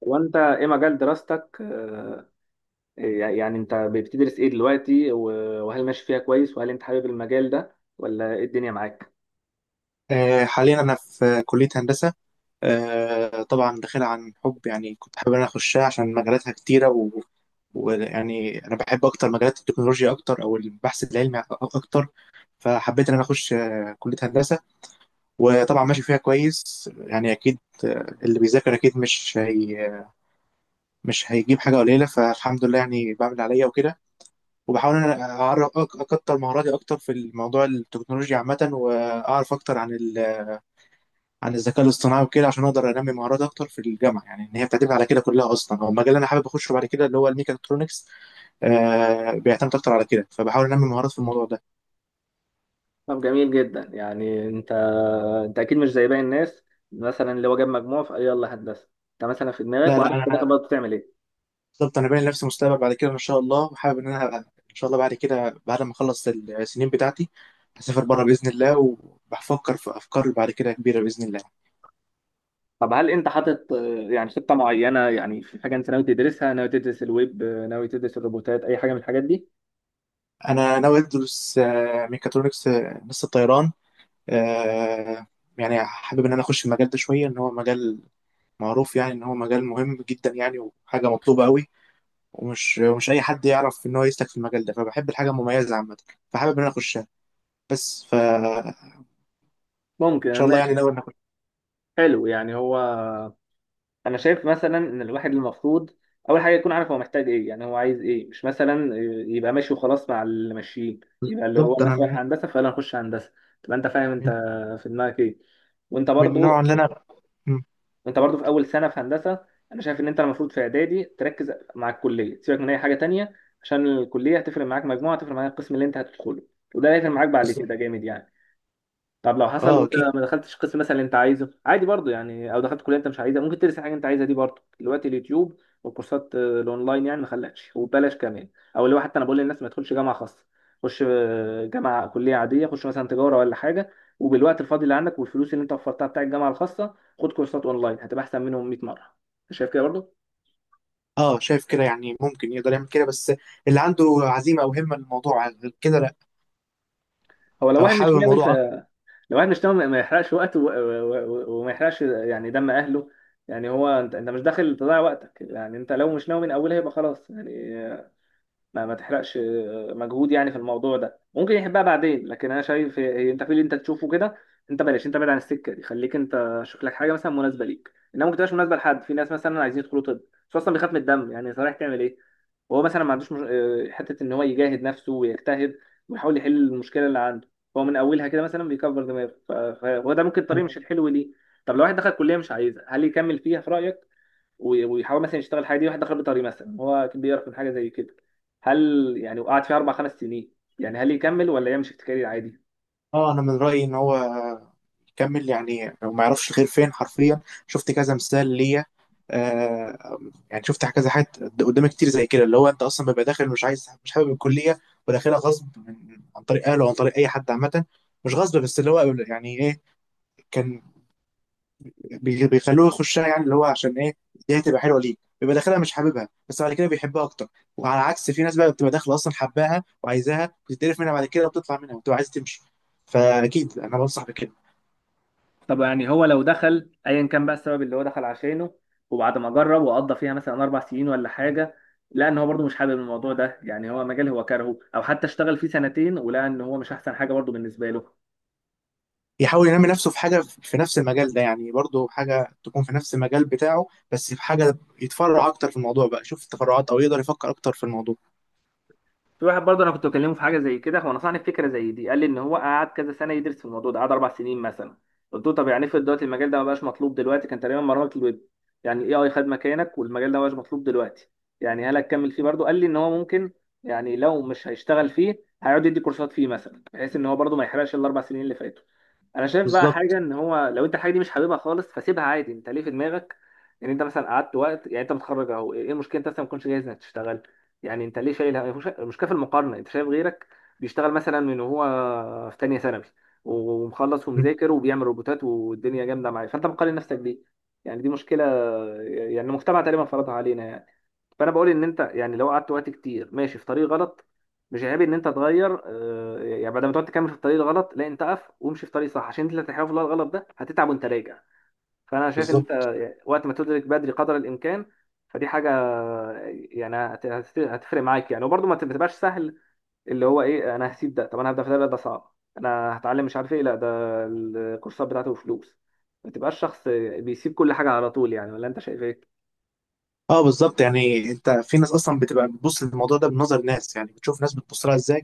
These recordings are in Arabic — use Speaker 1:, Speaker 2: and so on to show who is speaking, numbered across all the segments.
Speaker 1: وانت ايه مجال دراستك يعني انت بتدرس ايه دلوقتي وهل ماشي فيها كويس وهل انت حابب المجال ده ولا ايه الدنيا معاك؟
Speaker 2: حاليا أنا في كلية هندسة. طبعا داخلها عن حب، يعني كنت حابب إن أنا أخشها عشان مجالاتها كتيرة ويعني أنا بحب أكتر مجالات التكنولوجيا أكتر، أو البحث العلمي أكتر. فحبيت إن أنا أخش كلية هندسة. وطبعا ماشي فيها كويس، يعني أكيد. اللي بيذاكر أكيد مش هيجيب حاجة قليلة، فالحمد لله، يعني بعمل اللي عليا وكده. وبحاول إن أنا أعرف أكتر مهاراتي أكتر في الموضوع، التكنولوجيا عامة، وأعرف أكتر عن الذكاء الاصطناعي وكده، عشان اقدر انمي مهارات اكتر في الجامعه، يعني ان هي بتعتمد على كده كلها اصلا. هو المجال اللي انا حابب اخشه بعد كده اللي هو الميكاترونكس. بيعتمد اكتر على كده، فبحاول انمي مهارات في الموضوع ده.
Speaker 1: طب جميل جدا. يعني انت اكيد مش زي باقي الناس، مثلا اللي هو جاب مجموع فيلا هندسه. انت مثلا في دماغك
Speaker 2: لا، لا،
Speaker 1: وعارف في الاخر
Speaker 2: انا
Speaker 1: برضه بتعمل ايه؟
Speaker 2: بالظبط. انا باين لنفسي مستقبل بعد كده ان شاء الله، وحابب ان انا ان شاء الله بعد كده، بعد ما اخلص السنين بتاعتي، هسافر بره باذن الله، وبفكر في افكار بعد كده كبيره باذن الله.
Speaker 1: طب هل انت حاطط يعني خطه معينه، يعني في حاجه انت ناوي تدرسها، ناوي تدرس الويب، ناوي تدرس الروبوتات، اي حاجه من الحاجات دي؟
Speaker 2: انا ناوي ادرس ميكاترونكس، هندسه طيران. آه، يعني حابب ان انا اخش المجال ده شويه، ان هو مجال معروف، يعني ان هو مجال مهم جدا، يعني وحاجه مطلوبه قوي. ومش مش اي حد يعرف ان هو يسلك في المجال ده، فبحب الحاجه المميزه عامه. فحابب ان انا اخشها، بس فان
Speaker 1: ممكن،
Speaker 2: شاء الله، يعني
Speaker 1: ماشي.
Speaker 2: ناوي ان اخش.
Speaker 1: حلو. يعني هو انا شايف مثلا ان الواحد المفروض اول حاجه يكون عارف هو محتاج ايه، يعني هو عايز ايه، مش مثلا يبقى ماشي وخلاص مع اللي ماشيين، يبقى اللي هو
Speaker 2: بالظبط، انا
Speaker 1: الناس رايحه هندسه فيلا نخش هندسه. تبقى انت فاهم انت
Speaker 2: من
Speaker 1: في دماغك ايه. وانت
Speaker 2: من
Speaker 1: برضو،
Speaker 2: النوع اللي انا. مم.
Speaker 1: وانت برضو في اول سنه في هندسه، انا شايف ان انت المفروض في اعدادي تركز مع الكليه، سيبك من اي حاجه تانية، عشان الكليه هتفرق معاك، مجموعه هتفرق معاك، القسم اللي انت هتدخله وده هيفرق معاك بعد كده
Speaker 2: بالظبط.
Speaker 1: جامد يعني. طب لو حصل
Speaker 2: اه،
Speaker 1: وانت
Speaker 2: اكيد.
Speaker 1: ما دخلتش قسم مثلا اللي انت عايزه، عادي برضو يعني، او دخلت كليه انت مش عايزها، ممكن ترسم حاجه انت عايزها دي برضو دلوقتي. اليوتيوب والكورسات الاونلاين يعني ما خلقش وببلاش كمان. او اللي هو حتى انا بقول للناس ما تدخلش جامعه خاصه، خش جامعه كليه عاديه، خش مثلا تجاره ولا حاجه، وبالوقت الفاضي اللي عندك والفلوس اللي انت وفرتها بتاع الجامعه الخاصه خد كورسات اونلاين، هتبقى احسن منهم 100 مره. انت شايف كده برضو؟
Speaker 2: اه، شايف كده، يعني ممكن يقدر يعمل كده، بس اللي عنده عزيمه او همه للموضوع غير كده، لا.
Speaker 1: هو لو
Speaker 2: او
Speaker 1: واحد مش
Speaker 2: حابب
Speaker 1: ناوي،
Speaker 2: الموضوع
Speaker 1: الواحد مش ناوي، ما يحرقش وقته وما يحرقش يعني دم اهله. يعني هو انت مش داخل تضيع وقتك يعني، انت لو مش ناوي من اولها يبقى خلاص يعني. ما تحرقش مجهود يعني في الموضوع ده، ممكن يحبها بعدين، لكن انا شايف انت في اللي انت تشوفه كده. انت بلاش، انت بعيد عن السكه دي، خليك انت شوف لك حاجه مثلا مناسبه ليك، انما ممكن تبقاش مناسبه لحد. في ناس مثلا عايزين يدخلوا طب بس اصلا بيخاف من الدم، يعني صحيح تعمل ايه؟ وهو مثلا ما عندوش مش... حته ان هو يجاهد نفسه ويجتهد ويحاول يحل المشكله اللي عنده. هو من اولها كده مثلا بيكبر دماغه فهو ده ممكن طريق مش
Speaker 2: اكتر.
Speaker 1: الحلو ليه. طب لو واحد دخل كليه مش عايزها، هل يكمل فيها في رايك ويحاول مثلا يشتغل الحاجه دي؟ واحد دخل بيطري مثلا، هو كان بيعرف من حاجه زي كده، هل يعني وقعد فيها اربع خمس سنين، يعني هل يكمل ولا يمشي في كارير عادي؟
Speaker 2: اه، انا من رايي ان هو يكمل، يعني لو ما يعرفش الخير فين حرفيا. شفت كذا مثال ليا. آه يعني شفت كذا حاجات قدامي كتير زي كده، اللي هو انت اصلا بيبقى داخل مش عايز، مش حابب الكليه، وداخلها غصب، عن طريق اهله وعن طريق اي حد عامه. مش غصب بس، اللي هو يعني ايه، كان بيخلوه يخشها، يعني اللي هو عشان ايه؟ دي هتبقى حلوه ليك. بيبقى داخلها مش حاببها، بس بعد كده بيحبها اكتر. وعلى عكس، في ناس بقى بتبقى داخله اصلا حباها وعايزاها، بتتقرف منها بعد كده، وبتطلع منها، وبتبقى عايز تمشي. فاكيد انا بنصح بكده.
Speaker 1: طب يعني هو لو دخل ايا كان بقى السبب اللي هو دخل عشانه، وبعد ما جرب وقضى فيها مثلا اربع سنين ولا حاجه، لقى ان هو برضه مش حابب الموضوع ده، يعني هو مجال هو كارهه، او حتى اشتغل فيه سنتين ولقى ان هو مش احسن حاجه برضه بالنسبه له؟
Speaker 2: يحاول ينمي نفسه في حاجة في نفس المجال ده، يعني برضه حاجة تكون في نفس المجال بتاعه، بس في حاجة يتفرع أكتر في الموضوع بقى، يشوف التفرعات، أو يقدر يفكر أكتر في الموضوع.
Speaker 1: في واحد برضه انا كنت بكلمه في حاجه زي كده، هو نصحني بفكره زي دي. قال لي ان هو قعد كذا سنه يدرس في الموضوع ده، قعد اربع سنين مثلا. قلت له طب يعني افرض دلوقتي المجال ده ما بقاش مطلوب دلوقتي، كان تقريبا برمجه الويب، يعني الاي اي خد مكانك والمجال ده ما بقاش مطلوب دلوقتي، يعني هل هتكمل فيه برضه؟ قال لي ان هو ممكن، يعني لو مش هيشتغل فيه هيقعد يدي كورسات فيه مثلا، بحيث ان هو برضه ما يحرقش الاربع سنين اللي فاتوا. انا شايف بقى
Speaker 2: بالظبط.
Speaker 1: حاجه، ان هو لو انت الحاجه دي مش حاببها خالص فسيبها عادي. انت ليه في دماغك ان انت مثلا قعدت وقت، يعني انت متخرج اهو، ايه المشكله انت مثلا ما تكونش جاهز انك تشتغل؟ يعني انت ليه شايل المشكله في المقارنه، انت شايف غيرك بيشتغل مثلا من وهو في تانية ثانوي ومخلص
Speaker 2: مم.
Speaker 1: ومذاكر وبيعمل روبوتات والدنيا جامده معاه، فانت مقارن نفسك بيه. يعني دي مشكله، يعني المجتمع تقريبا فرضها علينا يعني. فانا بقول ان انت يعني لو قعدت وقت كتير ماشي في طريق غلط، مش عيب ان انت تغير، يعني بدل ما تقعد تكمل في الطريق الغلط لا انت اقف وامشي في طريق صح، عشان انت اللي هتحاول في الطريق الغلط ده هتتعب وانت راجع. فانا شايف ان انت
Speaker 2: بالظبط.
Speaker 1: يعني وقت ما تدرك بدري قدر الامكان، فدي حاجه يعني هتفرق معاك يعني. وبرضه ما تبقاش سهل اللي هو ايه، انا هسيب ده؟ طب انا هبدا في ده؟ ده صعب، انا هتعلم مش عارف ايه؟ لا، ده الكورسات بتاعته فلوس. ما تبقاش شخص بيسيب كل حاجه على طول يعني. ولا انت شايف ايه؟
Speaker 2: اه بالظبط، يعني انت في ناس اصلا بتبقى بتبص للموضوع ده بنظر ناس، يعني بتشوف ناس بتبص لها ازاي،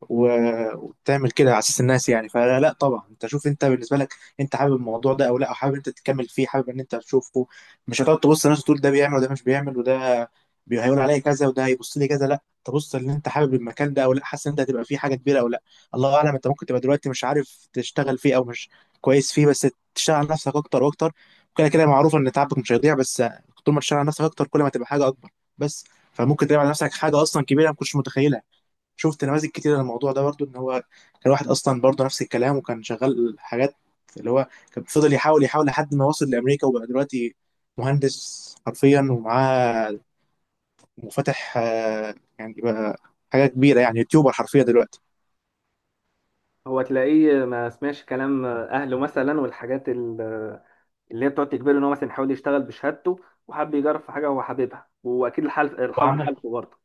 Speaker 2: وتعمل كده على اساس الناس، يعني فلا، لا، طبعا انت شوف انت بالنسبه لك، انت حابب الموضوع ده او لا، او حابب انت تكمل فيه، حابب ان انت تشوفه. مش هتقعد تبص للناس وتقول ده بيعمل وده مش بيعمل، وده هيقول عليا كذا، وده هيبص لي كذا. لا، تبص ان انت حابب المكان ده او لا، حاسس ان انت هتبقى فيه حاجه كبيره او لا. الله اعلم، انت ممكن تبقى دلوقتي مش عارف تشتغل فيه، او مش كويس فيه، بس تشتغل على نفسك اكتر واكتر، وكده كده معروف ان تعبك مش هيضيع. بس طول ما تشتغل على نفسك اكتر، كل ما تبقى حاجه اكبر. بس فممكن تعمل على نفسك حاجه اصلا كبيره ما كنتش متخيلها. شفت نماذج كتير للموضوع ده برضو، ان هو كان واحد اصلا برضو نفس الكلام، وكان شغال حاجات، اللي هو كان فضل يحاول يحاول لحد ما وصل لامريكا، وبقى دلوقتي مهندس حرفيا، ومعاه وفاتح، يعني بقى حاجه كبيره، يعني يوتيوبر حرفيا دلوقتي.
Speaker 1: هو تلاقيه ما سمعش كلام اهله مثلا، والحاجات اللي هي بتقعد تجبره ان هو مثلا يحاول يشتغل بشهادته، وحب يجرب في حاجه هو حاببها، واكيد الحظ،
Speaker 2: وعمل.
Speaker 1: حالته برضه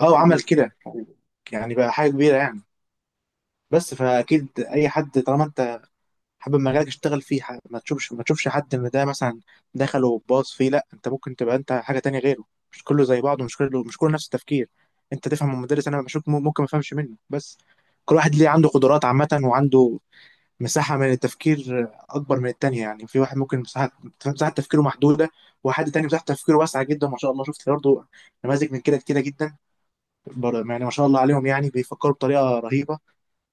Speaker 2: اه
Speaker 1: الحكاية
Speaker 2: وعمل
Speaker 1: دي.
Speaker 2: كده، يعني بقى حاجه كبيره يعني. بس فاكيد اي حد طالما انت حابب مجالك، اشتغل فيه، ما تشوفش حد ان ده مثلا دخل وباص فيه. لا، انت ممكن تبقى انت حاجه تانية غيره. مش كله زي بعضه، مش كله نفس التفكير. انت تفهم من المدرس، انا بشوف ممكن ما افهمش منه. بس كل واحد ليه عنده قدرات عامه، وعنده مساحه من التفكير اكبر من التانية، يعني في واحد ممكن مساحه تفكيره محدوده، وحد تاني مساحه تفكيره واسعه جدا ما شاء الله. شفت برضه نماذج من كده كتيره جدا. يعني ما شاء الله عليهم، يعني بيفكروا بطريقه رهيبه.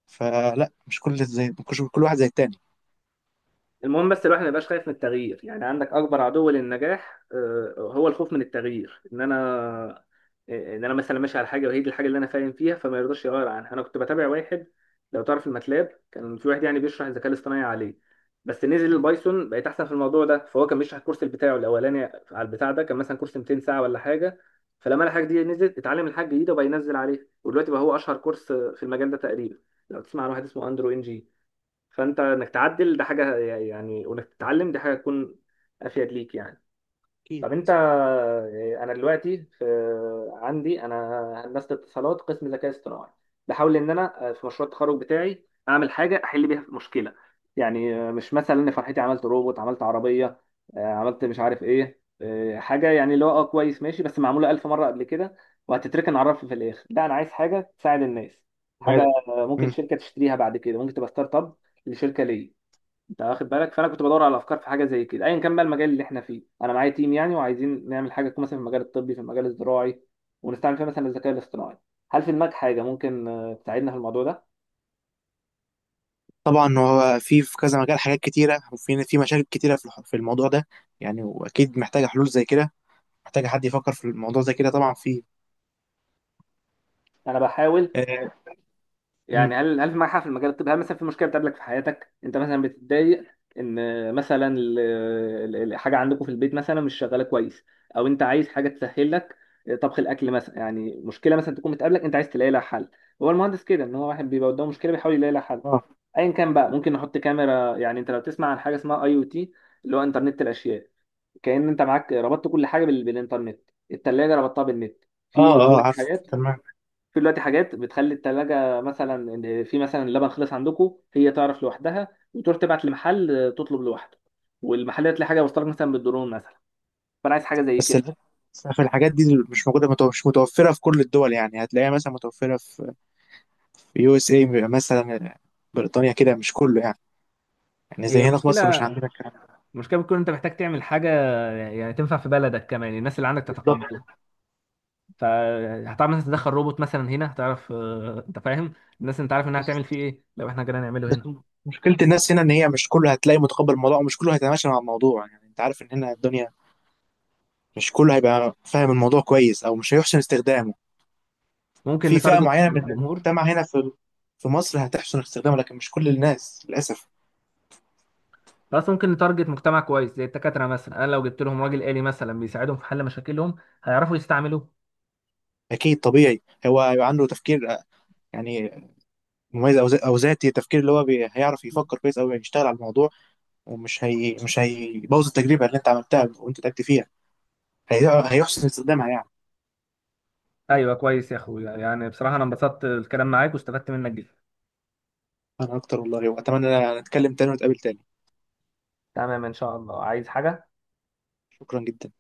Speaker 2: فلا، مش كل واحد زي التاني.
Speaker 1: المهم بس الواحد ما يبقاش خايف من التغيير. يعني عندك اكبر عدو للنجاح هو الخوف من التغيير، ان انا، ان انا مثلا ماشي على حاجه وهي دي الحاجه اللي انا فاهم فيها، فما يرضاش يغير عنها. انا كنت بتابع واحد، لو تعرف الماتلاب، كان في واحد يعني بيشرح الذكاء الاصطناعي عليه، بس نزل البايثون بقيت احسن في الموضوع ده، فهو كان بيشرح الكورس بتاعه الاولاني على البتاع ده، كان مثلا كورس 200 ساعه ولا حاجه، فلما الحاجه دي نزلت اتعلم الحاجه الجديده وبقى ينزل عليها، ودلوقتي بقى هو اشهر كورس في المجال ده تقريبا، لو تسمع عن واحد اسمه اندرو ان جي. فانت انك تعدل ده حاجه يعني، وانك تتعلم دي حاجه تكون افيد ليك يعني.
Speaker 2: أكيد.
Speaker 1: طب انت، انا دلوقتي في، عندي انا هندسه اتصالات قسم ذكاء اصطناعي، بحاول ان انا في مشروع التخرج بتاعي اعمل حاجه احل بيها مشكله، يعني مش مثلا ان فرحتي عملت روبوت، عملت عربيه، عملت مش عارف ايه، حاجه يعني اللي هو اه كويس ماشي بس معموله الف مره قبل كده وهتتركن على الرف في الاخر. لا، انا عايز حاجه تساعد الناس، حاجه
Speaker 2: ماذا.
Speaker 1: ممكن
Speaker 2: مم.
Speaker 1: شركه تشتريها بعد كده، ممكن تبقى ستارت اب لشركه ليا، انت واخد بالك؟ فانا كنت بدور على افكار في حاجه زي كده، ايا كان بقى المجال اللي احنا فيه. انا معايا تيم يعني وعايزين نعمل حاجه تكون مثلا في المجال الطبي، في المجال الزراعي، ونستعمل فيها مثلا الذكاء الاصطناعي. هل في دماغك حاجه ممكن تساعدنا في الموضوع ده؟
Speaker 2: طبعا، هو في كذا مجال، حاجات كتيرة، وفي في مشاكل كتيرة في في الموضوع ده، يعني. وأكيد محتاجة حلول زي كده، محتاجة حد يفكر في الموضوع زي كده. طبعا في.
Speaker 1: انا بحاول
Speaker 2: آه مم.
Speaker 1: يعني، هل في معاك حق في المجال الطبي، هل مثلا في مشكله بتقابلك في حياتك انت مثلا بتتضايق ان مثلا الحاجه عندكم في البيت مثلا مش شغاله كويس، او انت عايز حاجه تسهل لك طبخ الاكل مثلا؟ يعني مشكله مثلا تكون بتقابلك انت عايز تلاقي لها حل. هو المهندس كده، ان هو واحد بيبقى قدامه مشكله بيحاول يلاقي لها حل،
Speaker 2: آه،
Speaker 1: ايا كان بقى. ممكن نحط كاميرا، يعني انت لو تسمع عن حاجه اسمها اي او تي، اللي هو انترنت الاشياء، كأن انت معاك ربطت كل حاجه بالانترنت، الثلاجه ربطتها بالنت.
Speaker 2: آه،
Speaker 1: في
Speaker 2: آه،
Speaker 1: دلوقتي
Speaker 2: عارف
Speaker 1: حاجات،
Speaker 2: تمام.
Speaker 1: في دلوقتي حاجات بتخلي التلاجة مثلا إن في مثلا اللبن خلص عندكم، هي تعرف لوحدها وتروح تبعت لمحل تطلب لوحده، والمحل تلاقي حاجة وصلك مثلا بالدرون مثلا. فأنا عايز حاجة زي
Speaker 2: بس
Speaker 1: كده.
Speaker 2: ال- بس في الحاجات دي مش موجودة، مش متوفرة في كل الدول، يعني هتلاقيها مثلا متوفرة في في USA مثلا، بريطانيا كده، مش كله يعني. يعني
Speaker 1: هي
Speaker 2: زي هنا في
Speaker 1: المشكلة،
Speaker 2: مصر مش عندنا الكلام ده.
Speaker 1: المشكلة بتكون انت محتاج تعمل حاجة يعني تنفع في بلدك كمان، الناس اللي عندك
Speaker 2: بالظبط.
Speaker 1: تتقبلها. فهتعرف مثلا تدخل روبوت مثلا هنا؟ هتعرف انت فاهم الناس، انت عارف انها هتعمل
Speaker 2: بس
Speaker 1: فيه ايه لو احنا جينا نعمله
Speaker 2: بس
Speaker 1: هنا.
Speaker 2: مشكلة الناس هنا إن هي مش كله هتلاقي متقبل الموضوع، ومش كله هيتماشى مع الموضوع، يعني أنت عارف إن هنا الدنيا مش كله هيبقى فاهم الموضوع كويس، او مش هيحسن استخدامه.
Speaker 1: ممكن
Speaker 2: في فئة
Speaker 1: نتارجت
Speaker 2: معينة من
Speaker 1: الجمهور،
Speaker 2: المجتمع هنا في في مصر هتحسن استخدامه، لكن مش كل الناس للاسف.
Speaker 1: بس ممكن نتارجت مجتمع كويس زي الدكاترة مثلا، انا لو جبت لهم راجل آلي مثلا بيساعدهم في حل مشاكلهم هيعرفوا يستعملوه.
Speaker 2: اكيد طبيعي هو هيبقى عنده تفكير، يعني مميز، او أو ذاتي التفكير، اللي هو هيعرف يفكر كويس او يشتغل على الموضوع، ومش هي مش هيبوظ التجربة اللي انت عملتها وانت تعبت فيها. هيحسن استخدامها يعني.
Speaker 1: ايوه، كويس يا اخويا، يعني بصراحة انا انبسطت الكلام معاك واستفدت منك جدا.
Speaker 2: انا اكتر والله، واتمنى نتكلم تاني ونتقابل تاني.
Speaker 1: تمام ان شاء الله، عايز حاجة؟
Speaker 2: شكرا جدا.